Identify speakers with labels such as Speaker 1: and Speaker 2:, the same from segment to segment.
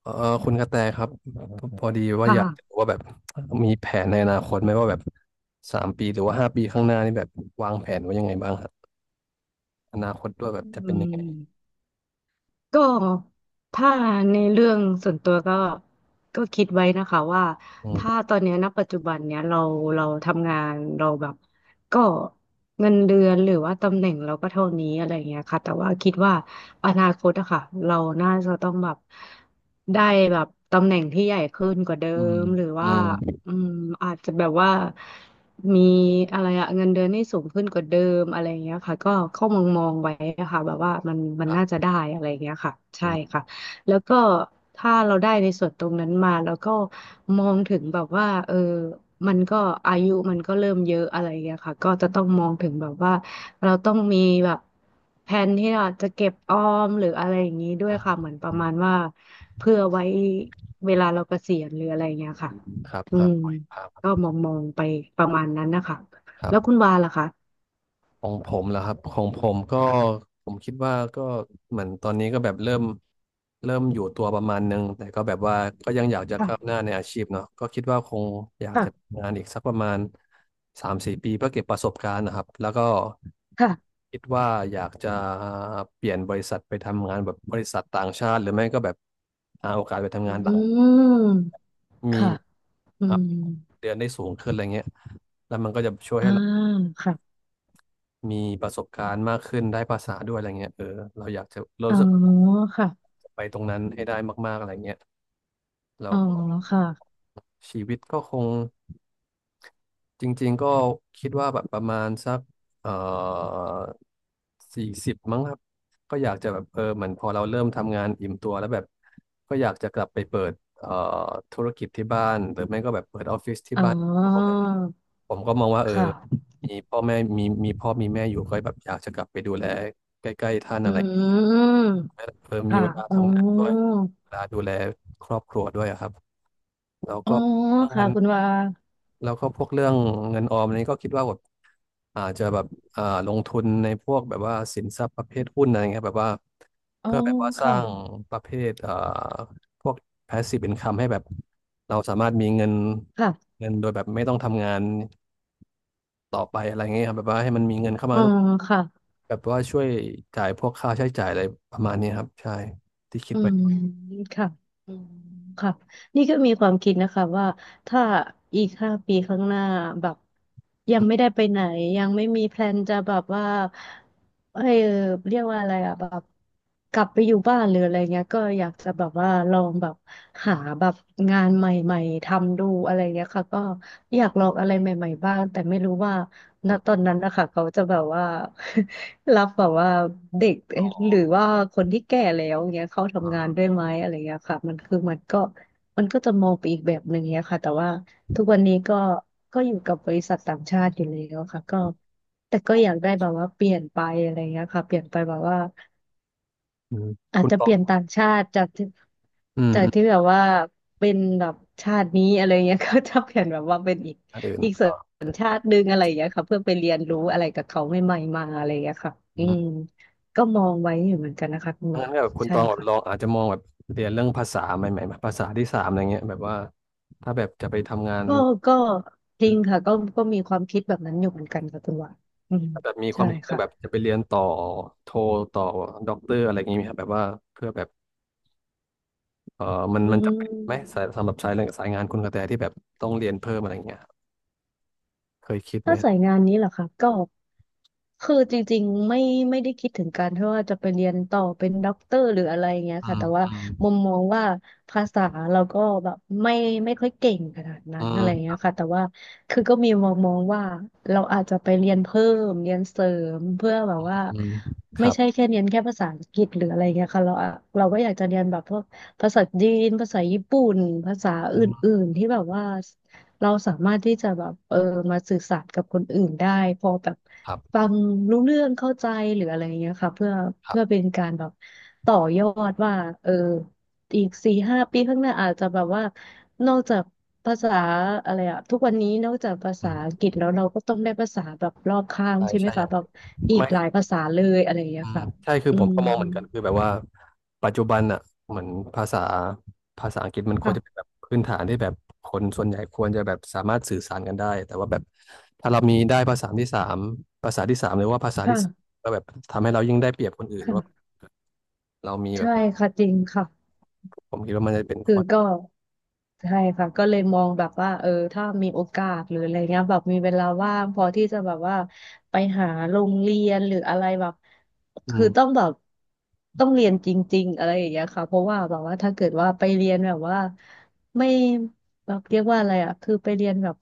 Speaker 1: เอ่อคุณกระแตครับพอดี
Speaker 2: ค
Speaker 1: ว่าอยากจะรู้
Speaker 2: ่ะ
Speaker 1: ว่าแบบมีแผนในอนาคตไหมว่าแบบ3 ปีหรือว่า5 ปีข้างหน้านี่แบบวางแผนไว้ยังไงบ้างครับอนาคตด้วยแบ
Speaker 2: อื
Speaker 1: บจะเป็นยังไง
Speaker 2: มก็ถ้าในเรื่องส่วนตัวก็คิดไว้นะคะว่า
Speaker 1: อืม
Speaker 2: ถ้าตอนเนี้ยณปัจจุบันเนี้ยเราทำงานเราแบบก็เงินเดือนหรือว่าตำแหน่งเราก็เท่านี้อะไรอย่างเงี้ยค่ะแต่ว่าคิดว่าอนาคตอะค่ะเราน่าจะต้องแบบได้แบบตำแหน่งที่ใหญ่ขึ้นกว่าเดิ
Speaker 1: อืม
Speaker 2: มหรือ
Speaker 1: อื
Speaker 2: ว่า
Speaker 1: ม
Speaker 2: อืมอาจจะแบบว่า มีอะไรอะเงินเดือนที่สูงขึ้นกว่าเดิมอะไรอย่างเงี้ยค่ะก็เข้ามองมองไว้นะคะแบบว่ามัน
Speaker 1: ครั
Speaker 2: น่าจะ
Speaker 1: บ
Speaker 2: ได้อะไรอย่างเงี้ยค่ะ
Speaker 1: อื
Speaker 2: ใช่
Speaker 1: ม
Speaker 2: ค่ะแล้วก็ถ้าเราได้ในส่วนตรงนั้นมาแล้วก็มองถึงแบบว่าเออมันก็อายุมันก็เริ่มเยอะอะไรอย่างเงี้ยค่ะก็จะต้องมองถึงแบบว่าเราต้องมีแบบแผนที่เราจะเก็บออมหรืออะไรอย่างนี้ด้วยค่ะเหมือนประ
Speaker 1: อื
Speaker 2: มาณ
Speaker 1: ม
Speaker 2: ว่าเพื่อไว้เวลาเราเกษียณหรืออะไรอย่างเงี้ยค่ะ
Speaker 1: อืมครับ
Speaker 2: อื
Speaker 1: ครับ
Speaker 2: ม ก็
Speaker 1: ค
Speaker 2: มองมองไปประมาณนั้นนะคะแล้ว
Speaker 1: รับ
Speaker 2: คุณวาล่ะคะ
Speaker 1: ของผมเหรอครับของผมก็ผมคิดว่าก็เหมือนตอนนี้ก็แบบเริ่มอยู่ตัวประมาณนึงแต่ก็แบบว่าก็ยังอยากจะก้าวห
Speaker 2: ค่ะ
Speaker 1: น้าในอาชีพเนาะก็คิดว่าคงอยากจะ
Speaker 2: ค่ะ
Speaker 1: ทำงานอีกสักประมาณ3-4 ปีเพื่อเก็บประสบการณ์นะครับแล้วก็
Speaker 2: ค่ะ
Speaker 1: คิดว่าอยากจะเปลี่ยนบริษัทไปทำงานแบบบริษัทต่างชาติหรือไม่ก็แบบหาโอกาสไปทำ
Speaker 2: อื
Speaker 1: งานต่าง
Speaker 2: ม
Speaker 1: มี
Speaker 2: ค่ะอื
Speaker 1: อัพ
Speaker 2: ม
Speaker 1: เดือนได้สูงขึ้นอะไรเงี้ยแล้วมันก็จะช่วย
Speaker 2: อ่า
Speaker 1: ให้เรา
Speaker 2: ค่ะ
Speaker 1: มีประสบการณ์มากขึ้นได้ภาษาด้วยอะไรเงี้ยเออเรา
Speaker 2: อ๋อ
Speaker 1: รู้สึกว่า
Speaker 2: ค่ะ
Speaker 1: อยากจะไปตรงนั้นให้ได้มากๆอะไรเงี้ยแล้
Speaker 2: อ๋
Speaker 1: ว
Speaker 2: อ
Speaker 1: ก็
Speaker 2: ค่ะ
Speaker 1: ชีวิตก็คง จริงๆก็คิดว่าแบบประมาณสักเอ่อ40มั้งครับก็อยากจะแบบเออเหมือนพอเราเริ่มทำงานอิ่มตัวแล้วแบบก็อยากจะกลับไปเปิดธุรกิจที่บ้านหรือไม่ก็แบบเปิดออฟฟิศที่
Speaker 2: อ๋
Speaker 1: บ้านเพราะว่าแบ
Speaker 2: อ
Speaker 1: บผมก็มองว่าเออ
Speaker 2: ค่ะ
Speaker 1: มีพ่อแม่มีพ่อมีแม่อยู่ก็แบบอยากจะกลับไปดูแลใกล้ๆท่าน
Speaker 2: อื
Speaker 1: อะไรอย่างเงี้ย
Speaker 2: ม
Speaker 1: เออมี
Speaker 2: ค่ะ
Speaker 1: เวลา
Speaker 2: อ๋อ
Speaker 1: ทำงานด้วยเวลาดูแลครอบครัวด้วยอะครับแล้ว
Speaker 2: อ๋อ
Speaker 1: ก็เรื่องเงิ
Speaker 2: ค่ะ
Speaker 1: น
Speaker 2: คุณวา
Speaker 1: แล้วก็พวกเรื่องเงินออมนี้ก็คิดว่าแบบอาจจะแบบลงทุนในพวกแบบว่าสินทรัพย์ประเภทหุ้นอะไรเงี้ยแบบว่า
Speaker 2: อ๋อ
Speaker 1: เพื่อแบบว่าส
Speaker 2: ค่ะ
Speaker 1: ร้างประเภทพวก passive income ให้แบบเราสามารถมีเงิน
Speaker 2: ค่ะ
Speaker 1: เงินโดยแบบไม่ต้องทำงานต่อไปอะไรเงี้ยครับแบบว่าให้มันมีเงินเข้า
Speaker 2: อ๋
Speaker 1: มา
Speaker 2: อ
Speaker 1: ทุก
Speaker 2: ค่ะ
Speaker 1: แบบว่าช่วยจ่ายพวกค่าใช้จ่ายอะไรประมาณนี้ครับใช่ที่คิ
Speaker 2: อื
Speaker 1: ดไป
Speaker 2: มค่ะอืม ค่ะ นี่ก็มีความคิดนะคะว่าถ้าอีกห้าปีข้างหน้าแบบยังไม่ได้ไปไหนยังไม่มีแพลนจะแบบว่าเออเรียกว่าอะไรอะแบบกลับไปอยู่บ้านหรืออะไรเงี้ยก็อยากจะแบบว่าลองแบบหาแบบงานใหม่ๆทำดูอะไรเงี้ยค่ะก็อยากลองอะไรใหม่ๆบ้างแต่ไม่รู้ว่า ณ
Speaker 1: อม
Speaker 2: ตอนนั้นนะคะเขาจะแบบว่า รับแบบว่าเด็กเอ๊ะ
Speaker 1: อ
Speaker 2: หรือว่าคนที่แก่แล้วเงี้ยเข้าทำงาน
Speaker 1: อ
Speaker 2: ด้วยไหมอะไรเงี้ยค่ะมันคือมันก็มันก็จะมองไปอีกแบบหนึ่งเงี้ยค่ะแต่ว่าทุกวันนี้ก็อยู่กับบริษัทต่างชาติอยู่แล้วค่ะก็แต่ก็อยากได้แบบว่าเปลี่ยนไปอะไรเงี้ยค่ะเปลี่ยนไปแบบว่า
Speaker 1: อืม
Speaker 2: อาจ
Speaker 1: คุณ
Speaker 2: จะ
Speaker 1: ตอ
Speaker 2: เป
Speaker 1: ง
Speaker 2: ลี่ยนต่างชาติจากที่
Speaker 1: อืม
Speaker 2: จา
Speaker 1: อื
Speaker 2: ก
Speaker 1: ม
Speaker 2: ที่แบบว่าเป็นแบบชาตินี้อะไรเงี้ย ก็จะเปลี่ยนแบบว่าเป็นอีก
Speaker 1: อันอื่น
Speaker 2: อีกสั
Speaker 1: อ๋อ
Speaker 2: ญชาติหนึงอะไรอย่างเงี้ยค่ะเพื่อไปเรียนรู้อะไรกับเขาใหม่ๆมาอะไรอย่างเงี้ยค่ะ
Speaker 1: อื
Speaker 2: อืม
Speaker 1: ม
Speaker 2: ก็มองไว้อยู่เหมือนกันนะคะคุณหวา
Speaker 1: งั้น
Speaker 2: น
Speaker 1: ก็แบบคุณต
Speaker 2: ใช่
Speaker 1: องแบบลอง
Speaker 2: ค่ะ
Speaker 1: อาจจะมองแบบเรียนเรื่องภาษาใหม่ๆแบบภาษาที่สามอะไรเงี้ยแบบว่าถ้าแบบจะไปทำงาน
Speaker 2: ก็ก็จ
Speaker 1: เอ
Speaker 2: ริ
Speaker 1: อ
Speaker 2: งค่ะก็มีความคิดแบบนั้นอยู่เหมือนกันค่ะคุณหวานอืม
Speaker 1: ถ้าแบบมีควา
Speaker 2: ใช่
Speaker 1: มคิดเรื่องแบบ
Speaker 2: ค่ะ
Speaker 1: จะไปเรียนต่อโทต่อด็อกเตอร์อะไรอย่างงี้ไหมครับแบบว่าเพื่อแบบเออมัน
Speaker 2: อื
Speaker 1: มันจะเป็นไหมสายสำห
Speaker 2: ม
Speaker 1: รับสายเรื่องสายงานคุณกระแตที่แบบต้องเรียนเพิ่มอะไรเงี้ยเคยคิดไหม
Speaker 2: ถ้าสายงานนี้เหรอคะก็คือจริงๆไม่ได้คิดถึงการที่ว่าจะไปเรียนต่อเป็นด็อกเตอร์หรืออะไรอย่างเงี้ย
Speaker 1: อื
Speaker 2: ค่ะ
Speaker 1: ม
Speaker 2: แต่ว่า
Speaker 1: อืม
Speaker 2: มุมมองว่าภาษาเราก็แบบไม่ค่อยเก่งขนาดนั้
Speaker 1: อื
Speaker 2: นอะ
Speaker 1: ม
Speaker 2: ไรอย่างเงี้ยค่ะแต่ว่าคือก็มีมองมองว่าเราอาจจะไปเรียนเพิ่มเรียนเสริมเพื่อแบบว่า
Speaker 1: อืมค
Speaker 2: ไม่
Speaker 1: รั
Speaker 2: ใช่
Speaker 1: บ
Speaker 2: แค่เรียนแค่ภาษาอังกฤษหรืออะไรเงี้ยค่ะเราอะเราก็อยากจะเรียนแบบพวกภาษาจีนภาษาญี่ปุ่นภาษา
Speaker 1: อื
Speaker 2: อื่
Speaker 1: ม
Speaker 2: นๆที่แบบว่า เราสามารถที่จะแบบเออมาสื่อสารกับคนอื่นได้พอแบบ
Speaker 1: ครับ
Speaker 2: ฟังรู้เรื่องเข้าใจหรืออะไรเงี้ยค่ะเพื่อ
Speaker 1: ครั
Speaker 2: เพื่อเป็
Speaker 1: บ
Speaker 2: นการแบบต่อยอดว่าเอออีก4-5 ปีข้างหน้าอาจจะแบบว่านอกจากภาษาอะไรอะทุกวันนี้นอกจากภา
Speaker 1: อื
Speaker 2: ษาอัง
Speaker 1: ม
Speaker 2: กฤษแล้วเราก็ต้องได้ภาษาแบบรอบข้าง
Speaker 1: ใช่
Speaker 2: ใช่ไหม
Speaker 1: ใช่อ
Speaker 2: คะ
Speaker 1: ย่าง
Speaker 2: แบบอีก
Speaker 1: ไม่
Speaker 2: หลายภาษาเลยอะไรอย่างเงี้
Speaker 1: อื
Speaker 2: ย
Speaker 1: ม
Speaker 2: ค่ะ
Speaker 1: ใช่คือ
Speaker 2: อื
Speaker 1: ผม
Speaker 2: ม
Speaker 1: ก็มองเหมือนกันคือแบบว่าปัจจุบันอ่ะเหมือนภาษาภาษาอังกฤษมันควร
Speaker 2: ค่ะ
Speaker 1: จะเป็นแบบพื้นฐานที่แบบคนส่วนใหญ่ควรจะแบบสามารถสื่อสารกันได้แต่ว่าแบบถ้าเรามีได้ภาษาที่สามหรือว่าภาษาที่สี่
Speaker 2: ค่ะ
Speaker 1: ก็แบบทำให้เรายิ่งได้เปรียบคนอื่นว่า
Speaker 2: ค่ะ
Speaker 1: เรามีแบ
Speaker 2: ใช่
Speaker 1: บ
Speaker 2: ค่ะจริงค่ะ
Speaker 1: ผมคิดว่ามันจะเป็น
Speaker 2: คื
Speaker 1: ข้อ
Speaker 2: อก็ใช่ค่ะก็เลยมองแบบว่าเออถ้ามีโอกาสหรืออะไรเงี้ยแบบมีเวลาว่างพอที่จะแบบว่าไปหาโรงเรียนหรืออะไรแบบ
Speaker 1: อื
Speaker 2: คือต้อ
Speaker 1: ม
Speaker 2: งแบบต้องเรียนจริงๆอะไรอย่างเงี้ยค่ะเพราะว่าแบบว่าถ้าเกิดว่าไปเรียนแบบว่าไม่แบบเรียกว่าอะไรอ่ะคือไปเรียนแบบ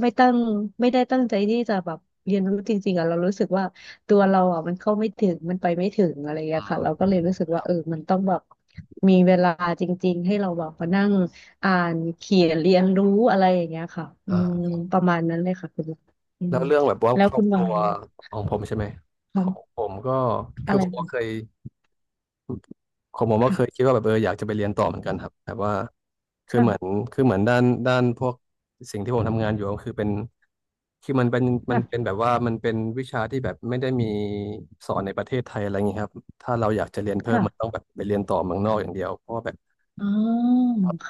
Speaker 2: ไม่ตั้งไม่ได้ตั้งใจที่จะแบบเรียนรู้จริงๆอ่ะเรารู้สึกว่า ตัวเราอ่ะมันเข้าไม่ถึงมันไปไม่ถึงอะไรอย่างเงี้ย
Speaker 1: อื
Speaker 2: ค่ะ
Speaker 1: ม
Speaker 2: เราก็เลยรู้สึก
Speaker 1: ค
Speaker 2: ว่า
Speaker 1: รั
Speaker 2: เอ
Speaker 1: บ
Speaker 2: อมันต้องแบบมีเวลาจริงๆให้เราแบบมานั่งอ่านเขียนเรียนรู้อะไรอย่างเงี้ยค่ะอื
Speaker 1: อ่
Speaker 2: ม
Speaker 1: า
Speaker 2: ประมาณนั้นเลยค่ะคุณอื
Speaker 1: แล้
Speaker 2: ม
Speaker 1: วเรื่องแบบว่า
Speaker 2: แล้
Speaker 1: ค
Speaker 2: ว
Speaker 1: รอ
Speaker 2: คุ
Speaker 1: บ
Speaker 2: ณ
Speaker 1: ค
Speaker 2: วั
Speaker 1: รั
Speaker 2: ง
Speaker 1: วของผมใช่ไหมข
Speaker 2: ค่ะ
Speaker 1: องผมก็คื
Speaker 2: อะ
Speaker 1: อ
Speaker 2: ไร
Speaker 1: ผมก็
Speaker 2: นะ
Speaker 1: เคย ของผมก็เคยคิด
Speaker 2: ค่ะ
Speaker 1: ว่าแบบเอออยากจะไปเรียนต่อเหมือนกันครับแบบว่าคือเหมือน
Speaker 2: ค่ะ
Speaker 1: คือเหมือนด้านพวกสิ่งที่ผมทำงานอยู่ก็คือเป็นคือมันเป็นมันเป็น
Speaker 2: ค่ะ
Speaker 1: แบบว่ามันเป็นวิชาที่แบบไม่ได้มีสอนในประเทศไทยอะไรอย่างนี้ครับถ้าเราอยากจะเรียนเพิ่ม
Speaker 2: ค่ะ
Speaker 1: มันต้องแบบไปเรียนต่อเมืองนอกอย่างเดียวเพราะว่าแบบ
Speaker 2: อ๋อค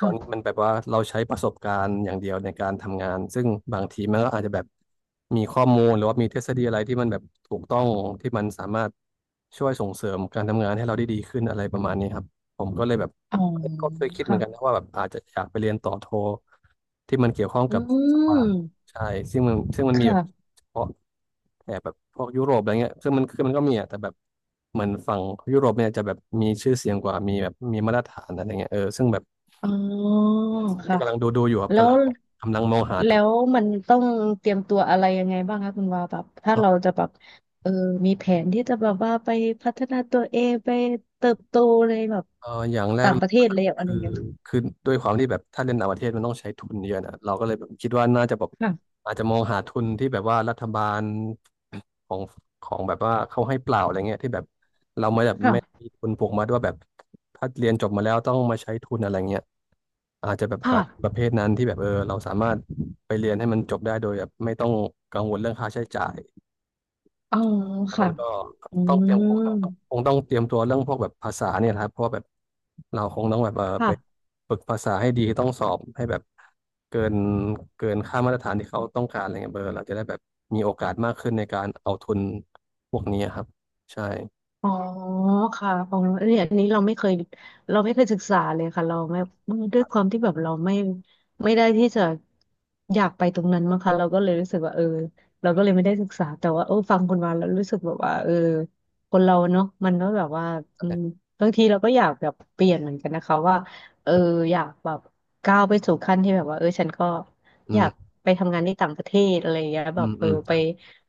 Speaker 1: ตอนนี้
Speaker 2: ่ะ
Speaker 1: มันแบบว่าเราใช้ประสบการณ์อย่างเดียวในการทำงานซึ่งบางทีมันก็อาจจะแบบมีข้อมูลหรือว่ามีทฤษฎีอะไรที่มันแบบถูกต้องที่มันสามารถช่วยส่งเสริมการทำงานให้เราได้ดีขึ้นอะไรประมาณนี้ครับผมก็เลยแบบ
Speaker 2: อ๋อ
Speaker 1: ก็เคยคิดเหมื
Speaker 2: ค่ะ
Speaker 1: อนกันนะว่าแบบอาจจะอยากไปเรียนต่อโทที่มันเกี่ยวข้อง
Speaker 2: อื
Speaker 1: กับสวาง
Speaker 2: ม
Speaker 1: ใช่ซึ่งมันมีแบบ
Speaker 2: ค่ะ
Speaker 1: เฉพาะแถบแบบพวกยุโรปอะไรเงี้ยคือมันก็มีอะแต่แบบเหมือนฝั่งยุโรปเนี่ยจะแบบมีชื่อเสียงกว่ามีแบบมีมาตรฐานอะไรเงี้ยเออซึ่งแบบ
Speaker 2: อ๋อ
Speaker 1: ที่
Speaker 2: ค่ะ
Speaker 1: กำลังดูอยู่ครับ
Speaker 2: แล้
Speaker 1: กำ
Speaker 2: ว
Speaker 1: ลังกำลังมองหา
Speaker 2: แล้
Speaker 1: ทุน
Speaker 2: วมันต้องเตรียมตัวอะไรยังไงบ้างคะคุณวาแบบถ้า
Speaker 1: ครั
Speaker 2: เรา
Speaker 1: บ
Speaker 2: จะแบบเออมีแผนที่จะแบบว่าไปพัฒนาตัวเองไปเติบโตในแบบ
Speaker 1: อย่างแรก
Speaker 2: ต่าง
Speaker 1: เล
Speaker 2: ป
Speaker 1: ย
Speaker 2: ระเทศเลยอะไร
Speaker 1: คื
Speaker 2: อ
Speaker 1: อ
Speaker 2: ย่างเงี้ย
Speaker 1: คือด้วยความที่แบบถ้าเรียนต่างประเทศมันต้องใช้ทุนเยอะนะเราก็เลยแบบคิดว่าน่าจะแบบ
Speaker 2: ค่ะ
Speaker 1: อาจจะมองหาทุนที่แบบว่ารัฐบาลของของแบบว่าเขาให้เปล่าอะไรเงี้ยที่แบบเราไม่แบบไม่
Speaker 2: ค่ะ
Speaker 1: มีทุนผูกมัดว่าแบบถ้าเรียนจบมาแล้วต้องมาใช้ทุนอะไรเงี้ยอาจจะแบบหา
Speaker 2: ค่ะ
Speaker 1: ประเภทนั้นที่แบบเออเราสามารถไปเรียนให้มันจบได้โดยแบบไม่ต้องกังวลเรื่องค่าใช้จ่าย
Speaker 2: อ๋อ
Speaker 1: แล้วมั
Speaker 2: ค่ะ
Speaker 1: นก็
Speaker 2: อื
Speaker 1: ต้องเตรียม
Speaker 2: ม
Speaker 1: คงต้องคงต้องเตรียมตัวเรื่องพวกแบบภาษาเนี่ยนะครับเพราะแบบเราคงต้องแบบเออ
Speaker 2: ค่ะ
Speaker 1: ไปฝึกภาษาให้ดีต้องสอบให้แบบเกินเกินค่ามาตรฐานที่เขาต้องการอะไรเงี้ยเบอร์เราจะได้แบบมีโอกาสมากขึ้นในการเอาทุนพวกนี้ครับใช่
Speaker 2: อ๋อค่ะอ๋อเนนี่ยอันนี้เราไม่เคยศึกษาเลยค่ะเราไม่ด้วยความที่แบบเราไม่ได้ที่จะอยากไปตรงนั้นมั้งคะเราก็เลยรู้สึกว่าเออเราก็เลยไม่ได้ศึกษาแต่ว่าเออฟังคุณมาแล้วรู้สึกแบบว่าเออคนเราเนาะมันก็แบบว่าอืมบางทีเราก็อยากแบบเปลี่ยนเหมือนกันนะคะว่าเอออยากแบบก้าวไปสู่ขั้นที่แบบว่าเออฉันก็อ
Speaker 1: อื
Speaker 2: ยา
Speaker 1: ม
Speaker 2: กไปทำงานที่ต่างประเทศอะไรอย่างเงี้ย
Speaker 1: อื
Speaker 2: แบบ
Speaker 1: ม
Speaker 2: เอ
Speaker 1: อื
Speaker 2: อ
Speaker 1: ม
Speaker 2: ไป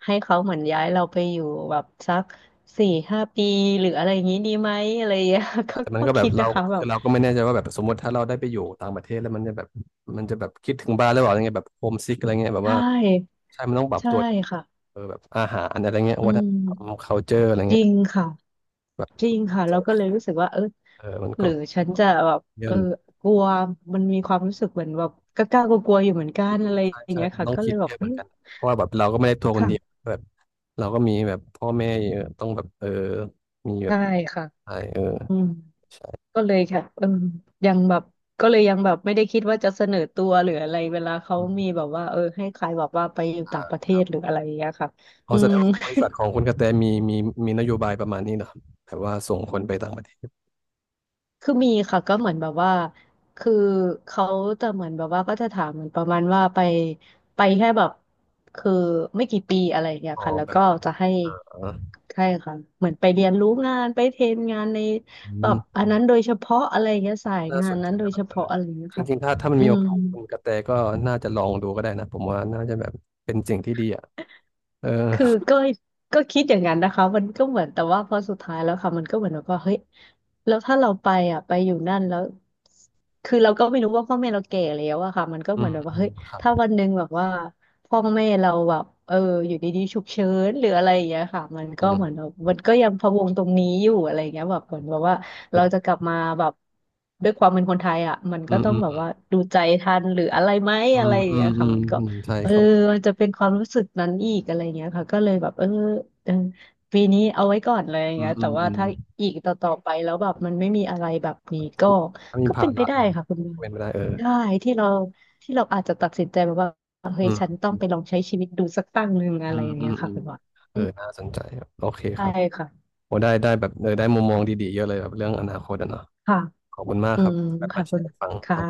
Speaker 2: ให้เขาเหมือนย้ายเราไปอยู่แบบสัก4-5 ปีหรืออะไรอย่างนี้ดีไหมอะไรอย่างเงี้ย ก็
Speaker 1: แต่มัน
Speaker 2: ก็
Speaker 1: ก็แบบ
Speaker 2: คิด
Speaker 1: เรา
Speaker 2: นะคะแบ
Speaker 1: คือ
Speaker 2: บ
Speaker 1: เราก็ไม่แน่ใจว่าแบบสมมติถ้าเราได้ไปอยู่ต่างประเทศแล้วมันจะแบบคิดถึงบ้านหรือเปล่าอะไรเงี้ยแบบโฮมซิกอะไรเงี้ยแบ
Speaker 2: ใช
Speaker 1: บว่า
Speaker 2: ่
Speaker 1: ใช่มันต้องปรับ
Speaker 2: ใช่
Speaker 1: ตัว
Speaker 2: ค่ะ
Speaker 1: เออแบบอาหารอะไรเงี้ย
Speaker 2: อื
Speaker 1: วัฒนธรรม
Speaker 2: ม
Speaker 1: culture อะไร
Speaker 2: จ
Speaker 1: เงี้
Speaker 2: ริ
Speaker 1: ย
Speaker 2: งค่ะจริงค่ะเราก็เลยรู้สึกว่าเออ
Speaker 1: เออมัน
Speaker 2: ห
Speaker 1: ก็
Speaker 2: รือฉันจะแบบ
Speaker 1: เย
Speaker 2: เอ
Speaker 1: อะ
Speaker 2: อ
Speaker 1: เหมือน
Speaker 2: กลัวมันมีความรู้สึกเหมือนแบบกล้ากลัวกลัวๆอยู่เหมือนกั
Speaker 1: อื
Speaker 2: นอะ
Speaker 1: ม
Speaker 2: ไร
Speaker 1: ใช่
Speaker 2: อย่าง
Speaker 1: ใช่
Speaker 2: เงี้ย
Speaker 1: มัน
Speaker 2: ค่ะ
Speaker 1: ต้อง
Speaker 2: ก็เล
Speaker 1: คิด
Speaker 2: ยแบ
Speaker 1: เย
Speaker 2: บ
Speaker 1: อะเห
Speaker 2: เอ้
Speaker 1: มือน
Speaker 2: ย
Speaker 1: กันเพราะว่าแบบเราก็ไม่ได้ทัวร์คนเดียว
Speaker 2: ค่ะ
Speaker 1: แบบเราก็มีแบบพ่อแม่เยอะต้องแบบเออมีแบบ
Speaker 2: ใช่ค่ะ
Speaker 1: ใช่เออ
Speaker 2: อืม
Speaker 1: ใช่
Speaker 2: ก็เลยค่ะเออยังแบบก็เลยยังแบบไม่ได้คิดว่าจะเสนอตัวหรืออะไรเวลาเขา
Speaker 1: อื
Speaker 2: มี
Speaker 1: ม
Speaker 2: แบบว่าเออให้ใครแบบว่าไปอยู่ต่างประเท
Speaker 1: ค
Speaker 2: ศ
Speaker 1: รับ
Speaker 2: หรืออะไรอย่างเงี้ยค่ะอื
Speaker 1: เอาแสด
Speaker 2: ม
Speaker 1: งว่าบริษัทของคุณกระแตมีนโยบายประมาณนี้เนอะแบบว่าส่งคนไปต่างประเทศ
Speaker 2: คือมีค่ะก็เหมือนแบบว่าคือเขาจะเหมือนแบบว่าก็จะถามเหมือนประมาณว่าไปแค่แบบคือไม่กี่ปีอะไรอย่างเงี้ย
Speaker 1: อ๋อ
Speaker 2: ค่ะแล้ว
Speaker 1: แบ
Speaker 2: ก็
Speaker 1: บ
Speaker 2: จะให้
Speaker 1: เออ
Speaker 2: ใช่ค่ะเหมือนไปเรียนรู้งานไปเทรนงานใน
Speaker 1: อื
Speaker 2: แบบ
Speaker 1: ม
Speaker 2: อันนั้นโดยเฉพาะอะไรอย่างเงี้ยสาย
Speaker 1: น่า
Speaker 2: งา
Speaker 1: ส
Speaker 2: น
Speaker 1: นใจ
Speaker 2: นั้นโด
Speaker 1: นะ
Speaker 2: ย
Speaker 1: แบ
Speaker 2: เฉ
Speaker 1: บเออ
Speaker 2: พาะอะไรอย่างเงี้ย
Speaker 1: จ
Speaker 2: ค่ะ
Speaker 1: ริงๆถ้ามัน
Speaker 2: อื
Speaker 1: มีโอ
Speaker 2: ม
Speaker 1: กาสคุณกระแตก็น่าจะลองดูก็ได้นะผมว่าน่าจะแบบเป็นสิ่งที่ดีอ่ะเออ
Speaker 2: คือก็คิดอย่างนั้นนะคะมันก็เหมือนแต่ว่าพอสุดท้ายแล้วค่ะมันก็เหมือนแบบว่าเฮ้ยแล้วถ้าเราไปอ่ะไปอยู่นั่นแล้วคือเราก็ไม่รู้ว่าพ่อแม่เราแก่แล้วอะค่ะมันก็
Speaker 1: อื
Speaker 2: เหมือ
Speaker 1: ม
Speaker 2: นแบบว่า
Speaker 1: อื
Speaker 2: เฮ้
Speaker 1: ม
Speaker 2: ย
Speaker 1: ครับ
Speaker 2: ถ้าวันหนึ่งแบบว่าพ่อแม่เราแบบเอออยู่ดีๆฉุกเฉินหรืออะไรอย่างเงี้ยค่ะมัน
Speaker 1: อื
Speaker 2: ก็เหมือ
Speaker 1: ม
Speaker 2: นแบบมันก็ยังพะวงตรงนี้อยู่อะไรอย่างเงี้ยแบบเหมือนแบบว่าเราจะ
Speaker 1: อื
Speaker 2: กลับมาแบบด้วยความเป็นคนไทยอ่ะมัน
Speaker 1: มอื
Speaker 2: ก็ต้องแบบ
Speaker 1: ม
Speaker 2: ว่าดูใจทันหรืออะไรไหม
Speaker 1: อื
Speaker 2: อะไร
Speaker 1: ม
Speaker 2: อย่าง
Speaker 1: อืม
Speaker 2: เงี้ย
Speaker 1: อื
Speaker 2: ค่ะ
Speaker 1: ม
Speaker 2: มันก็
Speaker 1: อืมใช่
Speaker 2: เออ
Speaker 1: เขา
Speaker 2: มันจะเป็นความรู้สึกนั้นอีกอะไรเงี้ยค่ะก็เลยแบบเออปีนี้เอาไว้ก่อนเลยอย่าง
Speaker 1: อืม
Speaker 2: เงี้ย
Speaker 1: อื
Speaker 2: แต่
Speaker 1: ม
Speaker 2: ว่า
Speaker 1: อืม
Speaker 2: ถ้าอีกต่อๆไปแล้วแบบมันไม่มีอะไรแบบนี้ก็
Speaker 1: ถ้ามีภา
Speaker 2: เป็นไป
Speaker 1: ระ
Speaker 2: ได้
Speaker 1: เออ
Speaker 2: ค่ะคุณวา
Speaker 1: เป็นไปได้เออ
Speaker 2: ได้ที่เราที่เราอาจจะตัดสินใจแบบว่าเฮ้
Speaker 1: อื
Speaker 2: ยฉัน
Speaker 1: ม
Speaker 2: ต้องไปลองใช้ชีวิตดูสักตั้งหนึ่งอะ
Speaker 1: อื
Speaker 2: ไร
Speaker 1: ม
Speaker 2: อย่าง
Speaker 1: อื
Speaker 2: เงี้
Speaker 1: ม
Speaker 2: ย
Speaker 1: อื
Speaker 2: ค่ะ
Speaker 1: ม
Speaker 2: คุณวา
Speaker 1: เอ
Speaker 2: อื
Speaker 1: อ
Speaker 2: ม
Speaker 1: น่าสนใจครับโอเคค
Speaker 2: ใช่
Speaker 1: รับ
Speaker 2: ค่ะ
Speaker 1: โอ้ได้ได้แบบเออได้มุมมองดีๆเยอะเลยแบบเรื่องอนาคตอะเนาะ
Speaker 2: ค่ะ
Speaker 1: ขอบคุณมาก
Speaker 2: อื
Speaker 1: ครับ
Speaker 2: ม
Speaker 1: ที่แบบ
Speaker 2: ค่ะ
Speaker 1: มาแช
Speaker 2: คุณ
Speaker 1: ร์ให้ฟังค
Speaker 2: ค่ะ
Speaker 1: รับ